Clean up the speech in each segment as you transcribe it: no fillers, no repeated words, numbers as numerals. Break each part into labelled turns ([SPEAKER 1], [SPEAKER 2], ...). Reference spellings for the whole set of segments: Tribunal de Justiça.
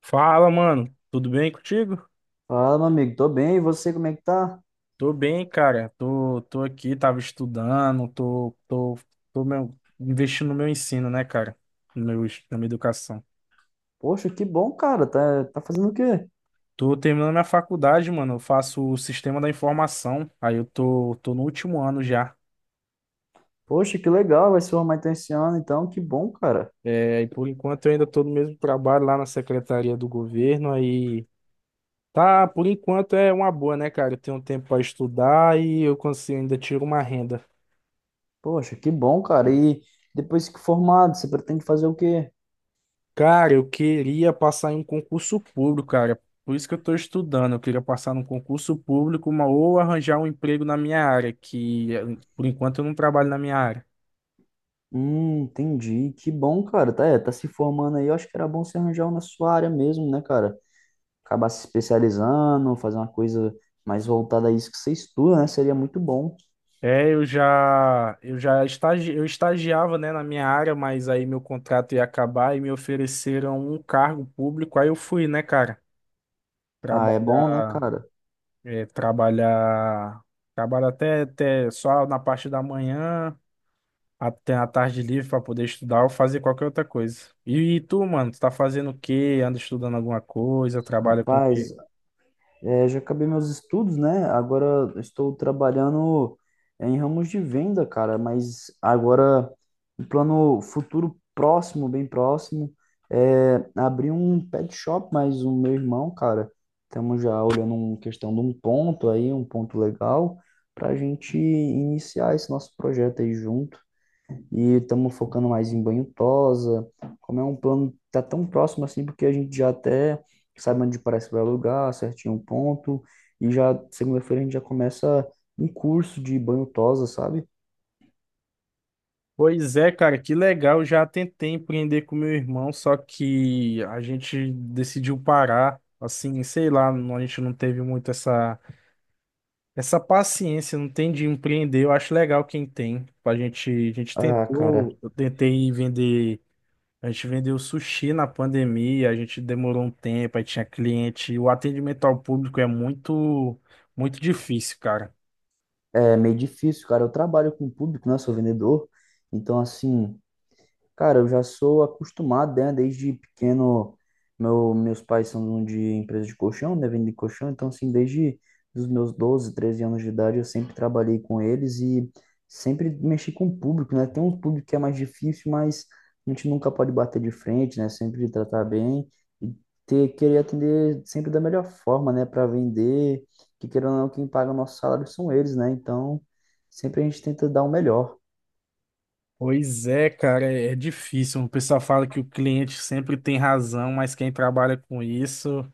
[SPEAKER 1] Fala, mano. Tudo bem contigo?
[SPEAKER 2] Fala, meu amigo, tô bem, e você, como é que tá?
[SPEAKER 1] Tô bem, cara. Tô aqui, tava estudando, investindo no meu ensino, né, cara? No meu, es- Na minha educação.
[SPEAKER 2] Poxa, que bom, cara, tá fazendo o quê?
[SPEAKER 1] Tô terminando minha faculdade, mano. Eu faço o sistema da informação. Aí eu tô no último ano já.
[SPEAKER 2] Poxa, que legal, vai se formar então esse ano, então, que bom, cara.
[SPEAKER 1] É, e por enquanto eu ainda tô no mesmo trabalho lá na Secretaria do Governo. Aí tá, por enquanto é uma boa, né, cara? Eu tenho um tempo pra estudar e eu consigo ainda tiro uma renda.
[SPEAKER 2] Poxa, que bom, cara, e depois que formado, você pretende fazer o quê?
[SPEAKER 1] Cara, eu queria passar em um concurso público, cara. Por isso que eu estou estudando. Eu queria passar num concurso público, uma, ou arranjar um emprego na minha área, por enquanto eu não trabalho na minha área.
[SPEAKER 2] Entendi, que bom, cara, tá se formando aí, eu acho que era bom você arranjar uma na sua área mesmo, né, cara? Acabar se especializando, fazer uma coisa mais voltada a isso que você estuda, né, seria muito bom.
[SPEAKER 1] É, eu estagiava, né, na minha área, mas aí meu contrato ia acabar e me ofereceram um cargo público. Aí eu fui, né, cara,
[SPEAKER 2] Ah, é bom, né,
[SPEAKER 1] trabalhar,
[SPEAKER 2] cara?
[SPEAKER 1] eh, trabalhar, trabalhar até, até só na parte da manhã. Tem a tarde livre pra poder estudar ou fazer qualquer outra coisa. E, tu, mano, tu tá fazendo o quê? Anda estudando alguma coisa? Trabalha com o
[SPEAKER 2] Rapaz,
[SPEAKER 1] quê?
[SPEAKER 2] é, já acabei meus estudos, né? Agora estou trabalhando em ramos de venda, cara, mas agora o plano futuro próximo, bem próximo, é abrir um pet shop, mas o meu irmão, cara, estamos já olhando uma questão de um ponto aí, um ponto legal, para a gente iniciar esse nosso projeto aí junto. E estamos focando mais em banho tosa, como é um plano que tá tão próximo assim, porque a gente já até sabe onde parece que vai alugar, certinho o ponto, e já segunda-feira a gente já começa um curso de banho tosa, sabe?
[SPEAKER 1] Pois é, cara, que legal. Eu já tentei empreender com meu irmão, só que a gente decidiu parar. Assim, sei lá, a gente não teve muito essa, essa paciência, não tem de empreender. Eu acho legal quem tem. A gente
[SPEAKER 2] Ah, cara,
[SPEAKER 1] tentou, eu tentei vender. A gente vendeu sushi na pandemia, a gente demorou um tempo, aí tinha cliente. O atendimento ao público é muito, muito difícil, cara.
[SPEAKER 2] é meio difícil, cara. Eu trabalho com público, né? Sou vendedor, então assim, cara, eu já sou acostumado, né? Desde pequeno, meus pais são de empresa de colchão, né? Vendem colchão, então assim, desde os meus 12, 13 anos de idade, eu sempre trabalhei com eles e sempre mexi com o público, né? Tem um público que é mais difícil, mas a gente nunca pode bater de frente, né? Sempre tratar bem e ter, querer atender sempre da melhor forma, né? Para vender, que querendo ou não, quem paga o nosso salário são eles, né? Então, sempre a gente tenta dar o melhor.
[SPEAKER 1] Pois é, cara, é difícil. O pessoal fala que o cliente sempre tem razão, mas quem trabalha com isso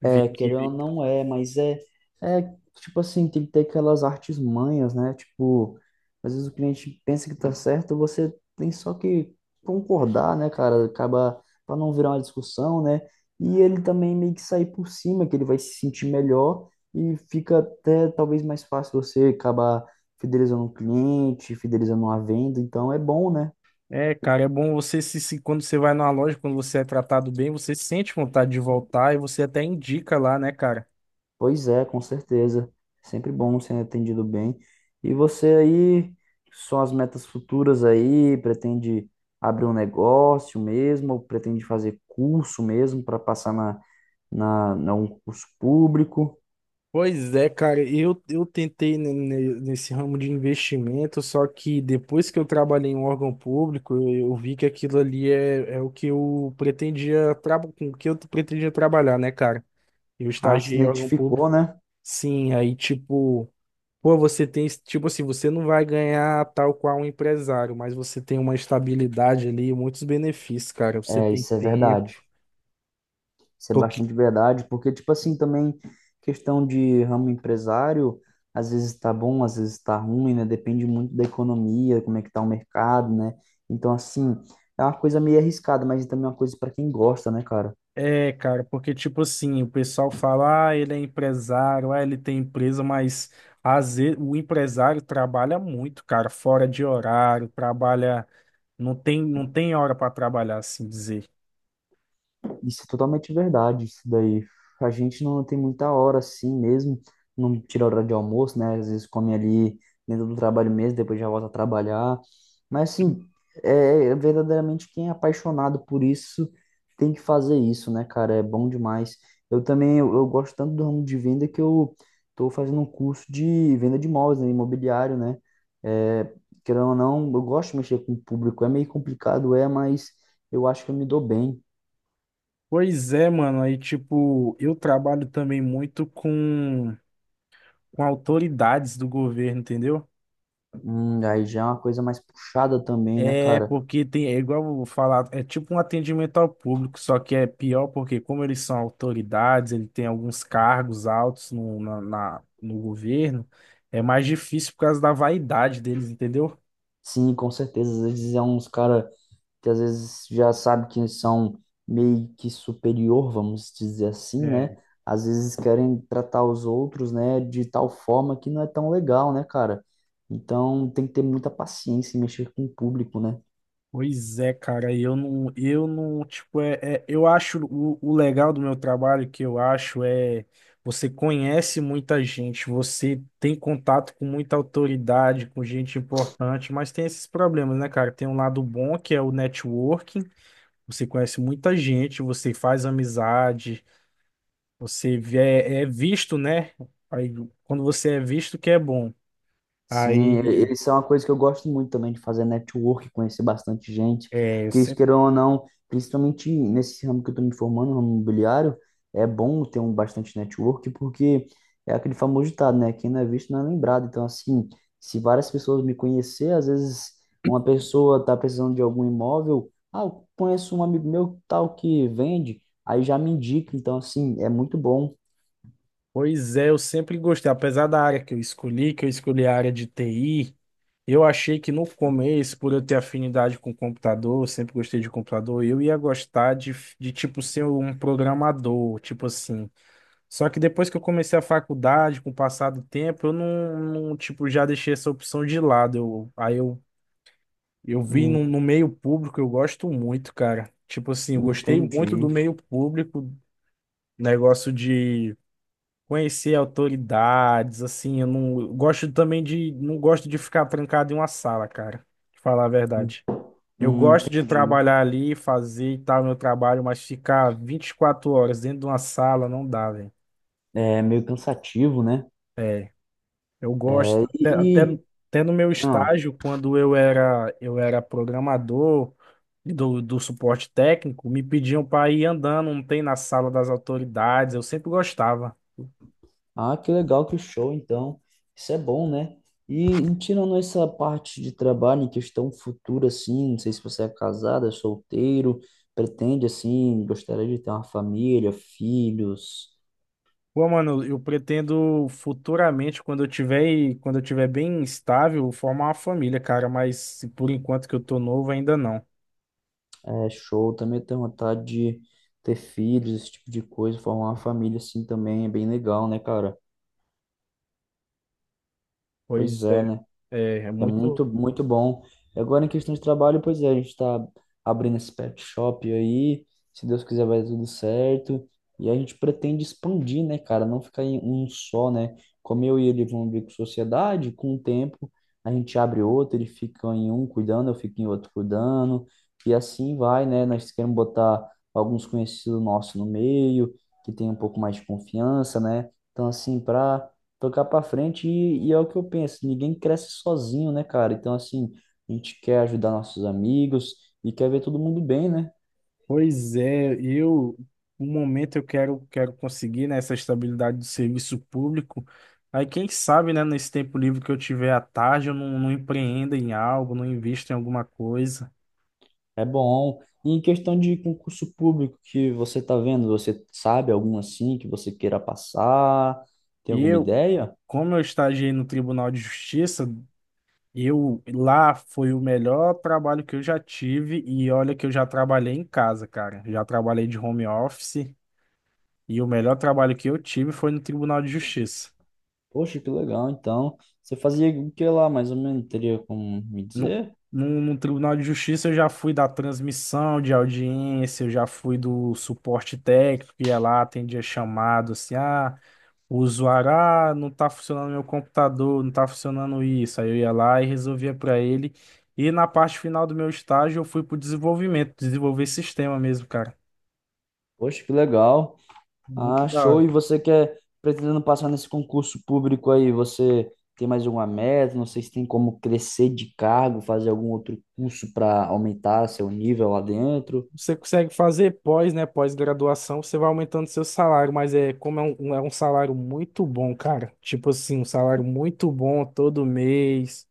[SPEAKER 1] vê
[SPEAKER 2] É,
[SPEAKER 1] que.
[SPEAKER 2] querendo ou não é, mas é tipo assim, tem que ter aquelas artes manhas, né? Tipo, às vezes o cliente pensa que tá certo, você tem só que concordar, né, cara? Acaba para não virar uma discussão, né? E ele também meio que sair por cima, que ele vai se sentir melhor e fica até talvez mais fácil você acabar fidelizando um cliente, fidelizando uma venda, então é bom, né?
[SPEAKER 1] É, cara, é bom você quando você vai numa loja, quando você é tratado bem, você sente vontade de voltar e você até indica lá, né, cara?
[SPEAKER 2] Pois é, com certeza. Sempre bom ser atendido bem. E você aí, são as metas futuras aí? Pretende abrir um negócio mesmo? Ou pretende fazer curso mesmo para passar na um curso público?
[SPEAKER 1] Pois é, cara, eu tentei nesse ramo de investimento, só que depois que eu trabalhei em um órgão público, eu vi que aquilo ali é, é o que eu pretendia, com o que eu pretendia trabalhar, né, cara? Eu
[SPEAKER 2] Ah, se
[SPEAKER 1] estagiei em órgão público.
[SPEAKER 2] identificou, né?
[SPEAKER 1] Sim, aí tipo, pô, você tem, tipo assim, você não vai ganhar tal qual um empresário, mas você tem uma estabilidade ali, muitos benefícios, cara. Você
[SPEAKER 2] É,
[SPEAKER 1] tem
[SPEAKER 2] isso é
[SPEAKER 1] tempo.
[SPEAKER 2] verdade. Isso é bastante verdade, porque, tipo assim, também questão de ramo empresário, às vezes tá bom, às vezes tá ruim, né? Depende muito da economia, como é que tá o mercado, né? Então, assim, é uma coisa meio arriscada, mas também é uma coisa para quem gosta, né, cara?
[SPEAKER 1] É, cara, porque tipo assim, o pessoal fala, ah, ele é empresário, ah, ele tem empresa, mas às vezes, o empresário trabalha muito, cara, fora de horário, trabalha, não tem hora para trabalhar, assim dizer.
[SPEAKER 2] Isso é totalmente verdade, isso daí. A gente não tem muita hora assim mesmo, não tira hora de almoço, né? Às vezes come ali dentro do trabalho mesmo, depois já volta a trabalhar. Mas assim, é verdadeiramente quem é apaixonado por isso tem que fazer isso, né, cara? É bom demais. Eu também, eu gosto tanto do ramo de venda que eu tô fazendo um curso de venda de imóveis, né, imobiliário, né? É, querendo ou não, eu gosto de mexer com o público, é meio complicado, é, mas eu acho que eu me dou bem.
[SPEAKER 1] Pois é, mano, aí tipo, eu trabalho também muito com autoridades do governo, entendeu?
[SPEAKER 2] Aí já é uma coisa mais puxada também, né,
[SPEAKER 1] É
[SPEAKER 2] cara?
[SPEAKER 1] porque tem, é igual eu vou falar, é tipo um atendimento ao público, só que é pior porque como eles são autoridades, ele tem alguns cargos altos no governo, é mais difícil por causa da vaidade deles, entendeu?
[SPEAKER 2] Sim, com certeza. Às vezes é uns cara que às vezes já sabe que são meio que superior, vamos dizer assim, né? Às vezes querem tratar os outros, né, de tal forma que não é tão legal, né, cara? Então tem que ter muita paciência em mexer com o público, né?
[SPEAKER 1] Pois é, cara, eu não, tipo, eu acho o legal do meu trabalho que eu acho é você conhece muita gente, você tem contato com muita autoridade, com gente importante, mas tem esses problemas, né, cara? Tem um lado bom que é o networking, você conhece muita gente, você faz amizade, é, é visto, né? Aí, quando você é visto que é bom.
[SPEAKER 2] Sim, e-
[SPEAKER 1] Aí
[SPEAKER 2] eles são uma coisa que eu gosto muito também de fazer network, conhecer bastante gente,
[SPEAKER 1] é,
[SPEAKER 2] porque isso, queira ou não, principalmente nesse ramo que eu estou me formando, no ramo imobiliário, é bom ter um bastante network, porque é aquele famoso ditado, né? Quem não é visto não é lembrado. Então, assim, se várias pessoas me conhecer, às vezes uma pessoa está precisando de algum imóvel, ah, eu conheço um amigo meu tal que vende, aí já me indica. Então, assim, é muito bom.
[SPEAKER 1] Pois é, eu sempre gostei, apesar da área que eu escolhi a área de TI, eu achei que no começo, por eu ter afinidade com computador, eu sempre gostei de computador, eu ia gostar de tipo ser um programador, tipo assim. Só que depois que eu comecei a faculdade, com o passar do tempo, eu não, não, tipo já deixei essa opção de lado. Eu vi
[SPEAKER 2] Hum,
[SPEAKER 1] no meio público, eu gosto muito, cara. Tipo assim, eu gostei muito do
[SPEAKER 2] entendi.
[SPEAKER 1] meio público, negócio de conhecer autoridades, assim, eu gosto também de, não gosto de ficar trancado em uma sala, cara, de falar a verdade. Eu gosto de
[SPEAKER 2] Entendi.
[SPEAKER 1] trabalhar ali, fazer e tal, meu trabalho, mas ficar 24 horas dentro de uma sala não dá, velho.
[SPEAKER 2] É meio cansativo, né?
[SPEAKER 1] É, eu gosto,
[SPEAKER 2] É, e,
[SPEAKER 1] até no meu
[SPEAKER 2] ah,
[SPEAKER 1] estágio, quando eu era programador do, do suporte técnico, me pediam para ir andando, não tem na sala das autoridades, eu sempre gostava.
[SPEAKER 2] que legal, que show, então. Isso é bom, né? E tirando essa parte de trabalho em questão futura, assim, não sei se você é casada, solteiro, pretende, assim, gostaria de ter uma família, filhos,
[SPEAKER 1] Pô, mano, eu pretendo futuramente, quando eu tiver bem estável, formar uma família, cara, mas por enquanto que eu tô novo ainda não.
[SPEAKER 2] é show, também tenho vontade de ter filhos, esse tipo de coisa, formar uma família, assim, também é bem legal, né, cara? Pois
[SPEAKER 1] Pois
[SPEAKER 2] é,
[SPEAKER 1] é,
[SPEAKER 2] né?
[SPEAKER 1] é, é
[SPEAKER 2] É
[SPEAKER 1] muito.
[SPEAKER 2] muito, muito bom. E agora, em questão de trabalho, pois é, a gente está abrindo esse pet shop aí. Se Deus quiser, vai dar tudo certo. E a gente pretende expandir, né, cara? Não ficar em um só, né? Como eu e ele vão abrir com sociedade, com o tempo a gente abre outro, ele fica em um cuidando, eu fico em outro cuidando. E assim vai, né? Nós queremos botar alguns conhecidos nossos no meio, que tem um pouco mais de confiança, né? Então, assim, para tocar para frente e é o que eu penso, ninguém cresce sozinho, né, cara? Então, assim, a gente quer ajudar nossos amigos e quer ver todo mundo bem, né?
[SPEAKER 1] Pois é, eu, no momento eu quero, quero conseguir, né, essa estabilidade do serviço público. Aí quem sabe, né, nesse tempo livre que eu tiver à tarde, eu não empreenda em algo, não invisto em alguma coisa.
[SPEAKER 2] É bom. E em questão de concurso público que você tá vendo, você sabe algum assim que você queira passar? Tem
[SPEAKER 1] E
[SPEAKER 2] alguma
[SPEAKER 1] eu,
[SPEAKER 2] ideia?
[SPEAKER 1] como eu estagiei no Tribunal de Justiça, eu lá foi o melhor trabalho que eu já tive e olha que eu já trabalhei em casa, cara. Já trabalhei de home office e o melhor trabalho que eu tive foi no Tribunal de Justiça.
[SPEAKER 2] Poxa, que legal. Então, você fazia o que lá, mais ou menos? Teria como me
[SPEAKER 1] No,
[SPEAKER 2] dizer?
[SPEAKER 1] no Tribunal de Justiça eu já fui da transmissão de audiência, eu já fui do suporte técnico, ia lá, atendia chamado, assim, ah, o usuário, ah, não tá funcionando meu computador, não tá funcionando isso. Aí eu ia lá e resolvia para ele. E na parte final do meu estágio eu fui pro desenvolvimento, desenvolver sistema mesmo, cara.
[SPEAKER 2] Poxa, que legal.
[SPEAKER 1] Muito
[SPEAKER 2] Ah,
[SPEAKER 1] da
[SPEAKER 2] show. E
[SPEAKER 1] hora.
[SPEAKER 2] você quer, pretendendo passar nesse concurso público aí, você tem mais alguma meta? Não sei se tem como crescer de cargo, fazer algum outro curso para aumentar seu nível lá dentro.
[SPEAKER 1] Você consegue fazer pós, né? Pós-graduação, você vai aumentando seu salário, mas é como é um salário muito bom, cara. Tipo assim, um salário muito bom todo mês.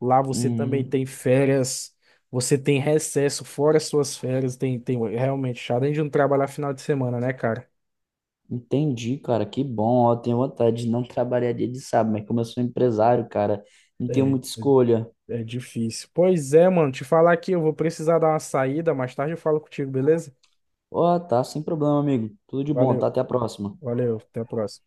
[SPEAKER 1] Lá você também
[SPEAKER 2] Hum,
[SPEAKER 1] tem férias, você tem recesso fora suas férias, tem realmente, além de não trabalhar final de semana, né, cara?
[SPEAKER 2] entendi, cara. Que bom. Ó, eu tenho vontade de não trabalhar dia de sábado, mas como eu sou empresário, cara, não tenho
[SPEAKER 1] É,
[SPEAKER 2] muita escolha.
[SPEAKER 1] é difícil. Pois é, mano, te falar aqui, eu vou precisar dar uma saída, mais tarde eu falo contigo, beleza?
[SPEAKER 2] Ó, tá, sem problema, amigo. Tudo de bom, tá?
[SPEAKER 1] Valeu,
[SPEAKER 2] Até a próxima.
[SPEAKER 1] valeu, até a próxima.